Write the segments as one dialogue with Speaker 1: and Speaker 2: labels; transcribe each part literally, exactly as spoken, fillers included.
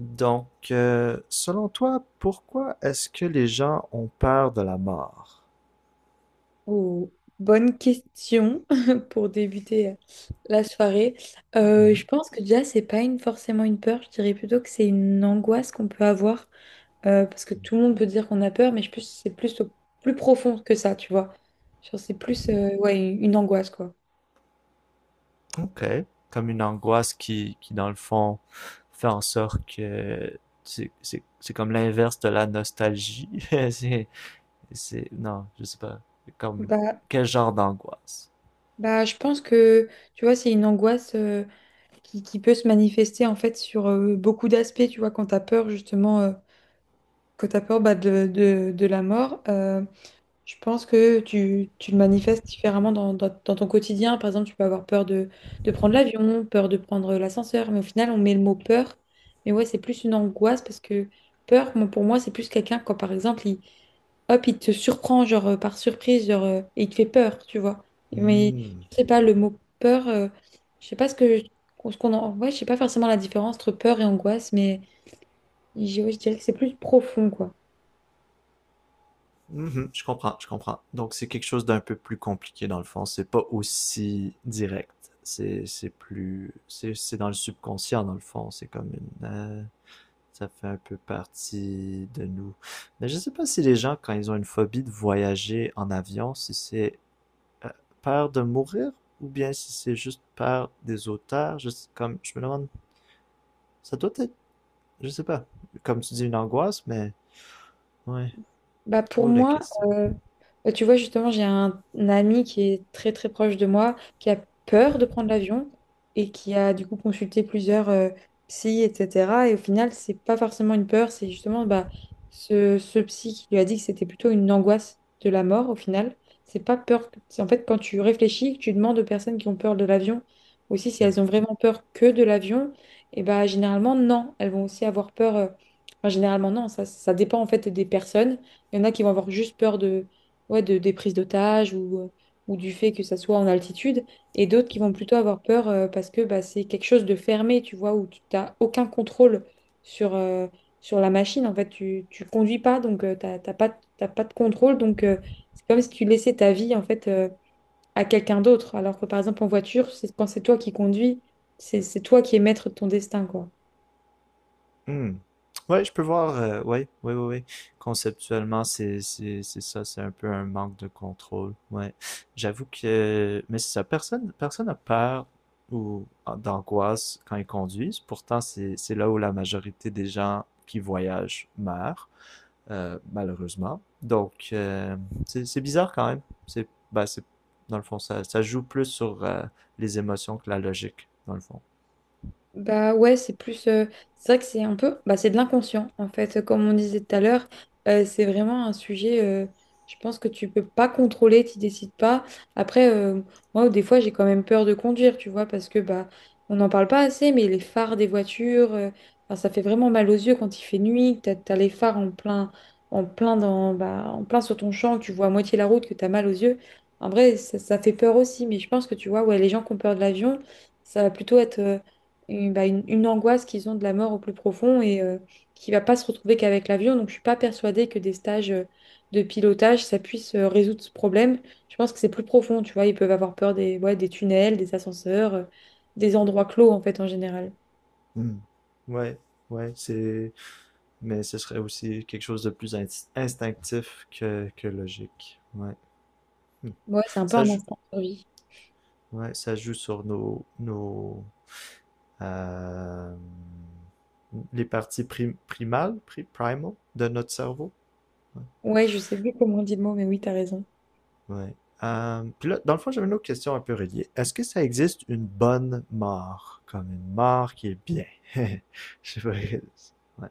Speaker 1: Donc, euh, selon toi, pourquoi est-ce que les gens ont peur de la mort?
Speaker 2: Oh, bonne question pour débuter euh, la soirée. Euh,
Speaker 1: Mhm.
Speaker 2: je pense que déjà, c'est pas une, forcément une peur, je dirais plutôt que c'est une angoisse qu'on peut avoir euh, parce que tout le monde peut dire qu'on a peur, mais je pense que c'est plus, au- plus profond que ça, tu vois. Genre, c'est plus euh, ouais, une une angoisse, quoi.
Speaker 1: Ok, comme une angoisse qui, qui dans le fond, fait en sorte que c'est c'est- c'est comme l'inverse de la nostalgie. C'est, c'est, non, je sais pas. Comme,
Speaker 2: Bah,
Speaker 1: quel genre d'angoisse?
Speaker 2: bah, je pense que, tu vois, c'est une angoisse euh, qui, qui peut se manifester en fait sur euh, beaucoup d'aspects, tu vois, quand t'as peur justement, euh, quand t'as peur bah, de, de, de la mort. Euh, Je pense que tu, tu le manifestes différemment dans, dans- dans ton quotidien. Par exemple, tu peux avoir peur de, de prendre l'avion, peur de prendre l'ascenseur, mais au final, on met le mot peur. Mais ouais, c'est plus une angoisse parce que peur, moi, pour moi, c'est plus quelqu'un quand, par exemple, il, hop, il te surprend genre, euh, par surprise genre, euh, et il te fait peur, tu vois. Mais
Speaker 1: Mm.
Speaker 2: je sais pas, le mot peur, euh, je sais pas ce que, ce qu'on en... Ouais, je sais pas forcément la différence entre peur et angoisse, mais je ouais, je dirais que c'est plus profond, quoi.
Speaker 1: Mhm, je comprends, je comprends. Donc, c'est quelque chose d'un peu plus compliqué dans le fond. C'est pas aussi direct. C'est, c'est plus, c'est, c'est dans le subconscient dans le fond. C'est comme une, euh, ça fait un peu partie de nous. Mais je sais pas si les gens, quand ils ont une phobie de voyager en avion, si c'est euh, peur de mourir ou bien si c'est juste peur des auteurs. Juste comme, je me demande, ça doit être, je sais pas, comme tu dis, une angoisse, mais ouais,
Speaker 2: Bah pour
Speaker 1: drôle de
Speaker 2: moi,
Speaker 1: question.
Speaker 2: euh, bah tu vois, justement, j'ai un, un ami qui est très très proche de moi, qui a peur de prendre l'avion et qui a du coup consulté plusieurs euh, psys, et cetera. Et au final, c'est pas forcément une peur, c'est justement bah, ce, ce psy qui lui a dit que c'était plutôt une angoisse de la mort au final. C'est pas peur. C'est En fait, quand tu réfléchis, que tu demandes aux personnes qui ont peur de l'avion aussi si
Speaker 1: Hmm.
Speaker 2: elles ont vraiment peur que de l'avion, et bah généralement, non. Elles vont aussi avoir peur. euh, enfin, généralement, non. Ça, ça dépend en fait des personnes. Il y en a qui vont avoir juste peur de, ouais, de, des prises d'otages ou, euh, ou du fait que ça soit en altitude. Et d'autres qui vont plutôt avoir peur euh, parce que bah, c'est quelque chose de fermé, tu vois, où tu n'as aucun contrôle sur, euh, sur la machine. En fait, tu ne conduis pas, donc euh, t'as t'as pas, t'as pas de contrôle. Donc, euh, c'est comme si tu laissais ta vie, en fait, euh, à quelqu'un d'autre. Alors que, par exemple, en voiture, c'est quand c'est toi qui conduis, c'est c'est toi qui es maître de ton destin, quoi.
Speaker 1: Hmm. Ouais, je peux voir. euh, ouais, ouais, ouais, ouais. Conceptuellement, c'est, c'est, c'est ça, c'est un peu un manque de contrôle. Ouais. J'avoue que, mais c'est ça. Personne, personne a peur ou ah, d'angoisse quand ils conduisent. Pourtant, c'est, c'est là où la majorité des gens qui voyagent meurent, euh, malheureusement. Donc, euh, c'est, c'est bizarre quand même. C'est, bah, c'est, dans le fond, ça, ça joue plus sur euh, les émotions que la logique, dans le fond.
Speaker 2: Bah ouais, c'est plus. euh, c'est vrai que c'est un peu. Bah, c'est de l'inconscient, en fait. Comme on disait tout à l'heure, euh, c'est vraiment un sujet. euh, je pense que tu peux pas contrôler, tu décides pas. Après, euh, moi, des fois, j'ai quand même peur de conduire, tu vois, parce que bah, on n'en parle pas assez, mais les phares des voitures, euh, enfin, ça fait vraiment mal aux yeux quand il fait nuit, que t'as, t'as les phares en plein, en plein dans, bah, en plein sur ton champ, que tu vois à moitié la route, que t'as mal aux yeux. En vrai, ça, ça fait peur aussi, mais je pense que tu vois, ouais, les gens qui ont peur de l'avion, ça va plutôt être une, bah, une- une angoisse qu'ils ont de la mort au plus profond et euh, qui va pas se retrouver qu'avec l'avion. Donc, je suis pas persuadée que des stages euh, de pilotage, ça puisse euh, résoudre ce problème. Je pense que c'est plus profond, tu vois. Ils peuvent avoir peur des, ouais, des tunnels, des ascenseurs, euh, des endroits clos, en fait, en général.
Speaker 1: Hmm. Ouais, ouais, c'est. Mais ce serait aussi quelque chose de plus instinctif que, que logique. Ouais. Hmm.
Speaker 2: Ouais, c'est un peu
Speaker 1: Ça
Speaker 2: un
Speaker 1: joue,
Speaker 2: instinct de survie.
Speaker 1: ouais, ça joue sur nos, nos, euh, les parties prim- primales, pri- primal de notre cerveau. Ouais.
Speaker 2: Ouais, je sais plus comment on dit le mot, mais oui, t'as raison.
Speaker 1: Ouais. Euh, puis là, dans le fond, j'avais une autre question un peu reliée. Est-ce que ça existe une bonne mort? Comme une mort qui est bien? Je sais pas. Ouais.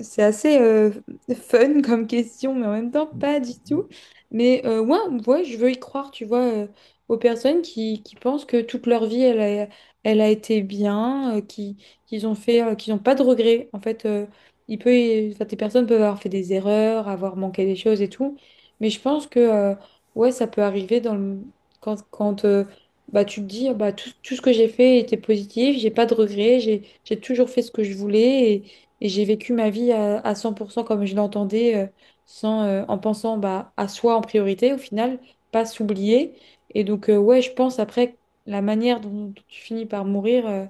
Speaker 2: C'est assez euh, fun comme question, mais en même temps pas du tout. Mais euh, ouais, ouais, je veux y croire, tu vois, euh, aux personnes qui, qui pensent que toute leur vie, elle a, elle a été bien, euh, qui, qu'ils ont fait, euh, qu'ils n'ont pas de regrets. En fait, euh, il peut, y- enfin, des personnes peuvent avoir fait des erreurs, avoir manqué des choses et tout. Mais je pense que euh, ouais, ça peut arriver dans le- quand, quand euh, bah, tu te dis, ah bah, tout, tout ce que j'ai fait était positif, j'ai pas de regrets, j'ai, j'ai toujours fait ce que je voulais. Et j'ai vécu ma vie à, à cent pour cent comme je l'entendais, euh, sans, euh, en pensant bah, à soi en priorité, au final, pas s'oublier. Et donc, euh, ouais, je pense après, la manière dont, dont tu finis par mourir, euh,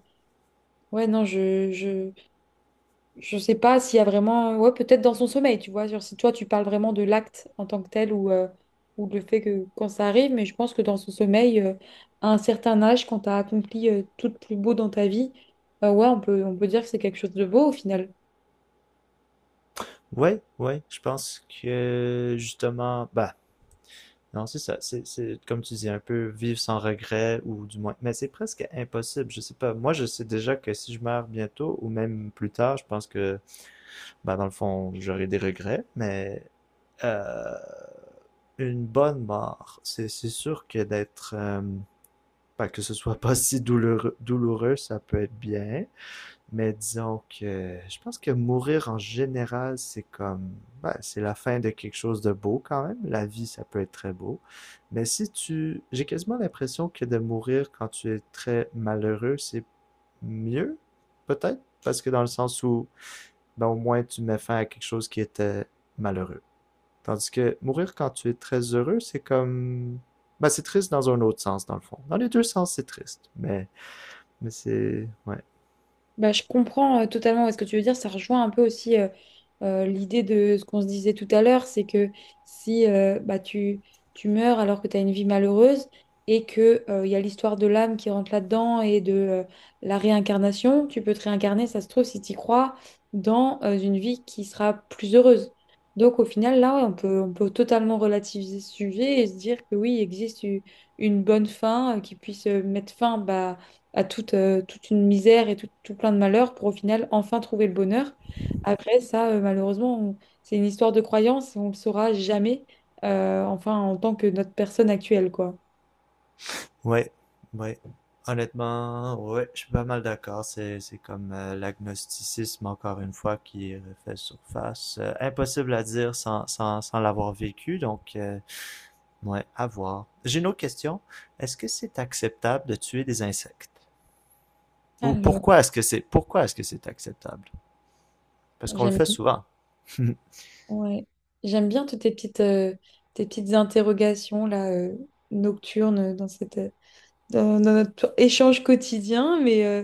Speaker 2: ouais, non, je, je, je sais pas s'il y a vraiment, ouais, peut-être dans son sommeil, tu vois, genre, si toi, tu parles vraiment de l'acte en tant que tel ou, euh, ou le fait que quand ça arrive, mais je pense que dans son sommeil, euh, à un certain âge, quand tu as accompli, euh, tout de plus beau dans ta vie, euh, ouais, on peut, on peut dire que c'est quelque chose de beau au final.
Speaker 1: Ouais, ouais, je pense que justement, bah, non, c'est ça. C'est, c'est, comme tu dis, un peu vivre sans regret, ou du moins. Mais c'est presque impossible. Je sais pas. Moi, je sais déjà que si je meurs bientôt, ou même plus tard, je pense que, bah, dans le fond, j'aurai des regrets. Mais euh, une bonne mort, c'est, c'est sûr que d'être. euh, bah, que ce soit pas si douloureux, douloureux, ça peut être bien. Mais disons que je pense que mourir en général, c'est comme, ouais, c'est la fin de quelque chose de beau quand même. La vie, ça peut être très beau. Mais si tu, j'ai quasiment l'impression que de mourir quand tu es très malheureux, c'est mieux, peut-être, parce que dans le sens où, ben, au moins tu mets fin à quelque chose qui était malheureux. Tandis que mourir quand tu es très heureux, c'est comme, ben, c'est triste dans un autre sens, dans le fond. Dans les deux sens, c'est triste. Mais, mais c'est, ouais,
Speaker 2: Bah, je comprends euh, totalement ouais, ce que tu veux dire. Ça rejoint un peu aussi euh, euh, l'idée de ce qu'on se disait tout à l'heure, c'est que si euh, bah, tu, tu meurs alors que tu as une vie malheureuse et que euh, il y a l'histoire de l'âme qui rentre là-dedans et de euh, la réincarnation, tu peux te réincarner, ça se trouve, si tu y crois, dans euh, une vie qui sera plus heureuse. Donc au final, là, ouais, on peut, on peut totalement relativiser ce sujet et se dire que oui, il existe u- une bonne fin euh, qui puisse euh, mettre fin bah, à toute, euh, toute une misère et tout, tout plein de malheurs pour au final enfin trouver le bonheur. Après, ça, euh, malheureusement, on- c'est une histoire de croyance, on ne le saura jamais, euh, enfin, en tant que notre personne actuelle, quoi.
Speaker 1: ouais, ouais. Honnêtement, ouais, je suis pas mal d'accord. C'est, c'est comme euh, l'agnosticisme, encore une fois, qui refait surface. Euh, impossible à dire sans, sans, sans l'avoir vécu, donc, euh, ouais, à voir. J'ai une autre question. Est-ce que c'est acceptable de tuer des insectes? Ou
Speaker 2: Alors,
Speaker 1: pourquoi est-ce que c'est, pourquoi est-ce que c'est acceptable? Parce qu'on le
Speaker 2: j'aime
Speaker 1: fait souvent.
Speaker 2: ouais. J'aime bien toutes tes petites, euh, tes petites interrogations là, euh, nocturnes dans cette, euh, dans, dans notre échange quotidien, mais euh,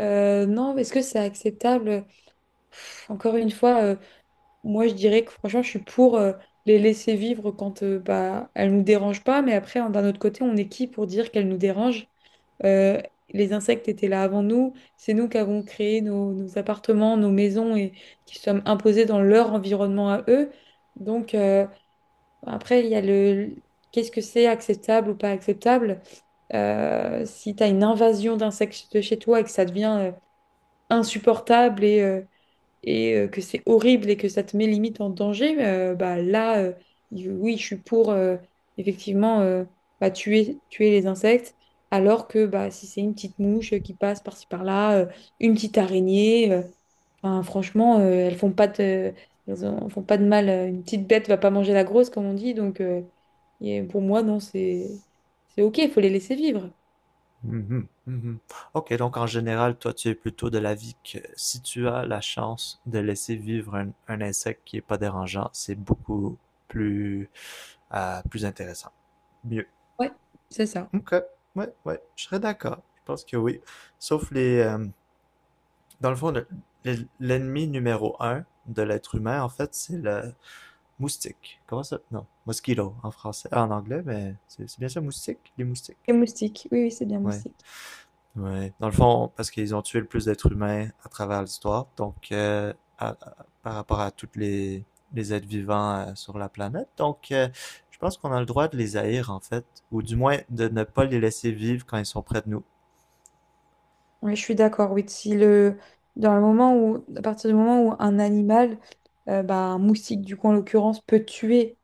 Speaker 2: euh, non, est-ce que c'est acceptable? Pff, encore une fois, euh, moi je dirais que franchement, je suis pour euh, les laisser vivre quand euh, bah, elles nous dérangent pas, mais après, hein, d'un autre côté, on est qui pour dire qu'elles nous dérangent? Euh, les insectes étaient là avant nous. C'est nous qui avons créé nos, nos appartements, nos maisons et qui sommes imposés dans leur environnement à eux. Donc, euh, après, il y a le qu'est-ce que c'est acceptable ou pas acceptable. Euh, si tu as une invasion d'insectes chez toi et que ça devient euh, insupportable et, euh, et euh, que c'est horrible et que ça te met limite en danger, euh, bah là, euh, y- oui, je suis pour euh, effectivement euh, bah, tuer, tuer les insectes, alors que bah, si c'est une petite mouche euh, qui passe par-ci par-là, euh, une petite araignée, euh, enfin, franchement, euh, elles font pas de, elles en font pas de mal. euh, Une petite bête va pas manger la grosse, comme on dit, donc euh, et pour moi, non, c'est c'est OK, il faut les laisser vivre.
Speaker 1: Mhm, mhm. Ok, donc en général, toi, tu es plutôt de l'avis que si tu as la chance de laisser vivre un, un insecte qui est pas dérangeant, c'est beaucoup plus, euh, plus intéressant. Mieux.
Speaker 2: Ouais, c'est ça.
Speaker 1: Ok, ouais, ouais, je serais d'accord. Je pense que oui. Sauf les, euh, dans le fond, le- le- l'ennemi numéro un de l'être humain, en fait, c'est le moustique. Comment ça? Non, mosquito en français, en anglais, mais c'est c'est bien ça, moustique, les moustiques.
Speaker 2: Les moustiques, oui, oui, c'est bien
Speaker 1: Ouais.
Speaker 2: moustique.
Speaker 1: Ouais. Dans le fond, parce qu'ils ont tué le plus d'êtres humains à travers l'histoire, donc euh, à- à- par rapport à toutes les, les êtres vivants euh, sur la planète. Donc, euh, je pense qu'on a le droit de les haïr, en fait, ou du moins de ne pas les laisser vivre quand ils sont près de nous.
Speaker 2: Oui, je suis d'accord. Oui, si le, dans le moment où, à partir du moment où un animal, euh, bah, un moustique du coup en l'occurrence, peut tuer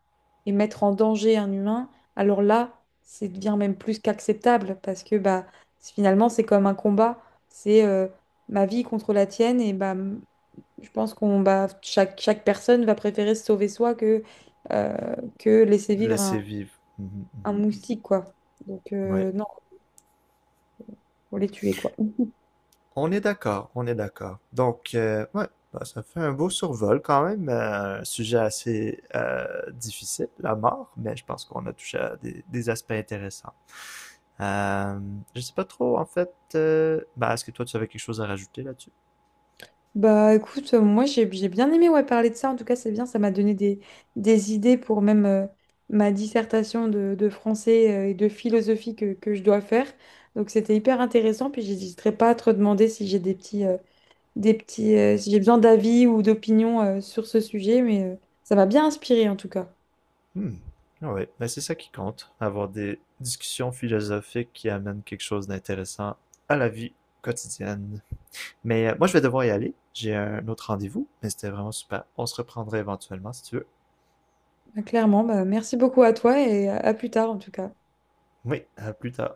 Speaker 2: et mettre en danger un humain, alors là, c'est devient même plus qu'acceptable parce que bah c'est- finalement c'est comme un combat, c'est euh, ma vie contre la tienne et bah m- je pense qu'on bah chaque chaque personne va préférer se sauver soi que euh, que laisser vivre un,
Speaker 1: Laisser vivre. Mhm,
Speaker 2: un moustique quoi. Donc
Speaker 1: mhm. Ouais.
Speaker 2: euh, non, faut les tuer quoi.
Speaker 1: On est d'accord, on est d'accord. Donc, euh, ouais, bah, ça fait un beau survol quand même, euh, un sujet assez euh, difficile, la mort, mais je pense qu'on a touché à des des aspects intéressants. Euh, je sais pas trop, en fait. euh, bah, est-ce que toi, tu avais quelque chose à rajouter là-dessus?
Speaker 2: Bah écoute, euh, moi j'ai j'ai bien aimé ouais, parler de ça. En tout cas, c'est bien, ça m'a donné des, des idées pour même euh, ma dissertation de, de français euh, et de philosophie que, que je dois faire. Donc c'était hyper intéressant. Puis j'hésiterai pas à te demander si j'ai des petits, euh, des petits, euh, si j'ai besoin d'avis ou d'opinion euh, sur ce sujet. Mais euh, ça m'a bien inspiré en tout cas.
Speaker 1: Hmm. Oui, mais c'est ça qui compte, avoir des discussions philosophiques qui amènent quelque chose d'intéressant à la vie quotidienne. Mais euh, moi, je vais devoir y aller. J'ai un autre rendez-vous, mais c'était vraiment super. On se reprendrait éventuellement si tu veux.
Speaker 2: Clairement, bah, merci beaucoup à toi et à à plus tard en tout cas.
Speaker 1: Oui, à plus tard.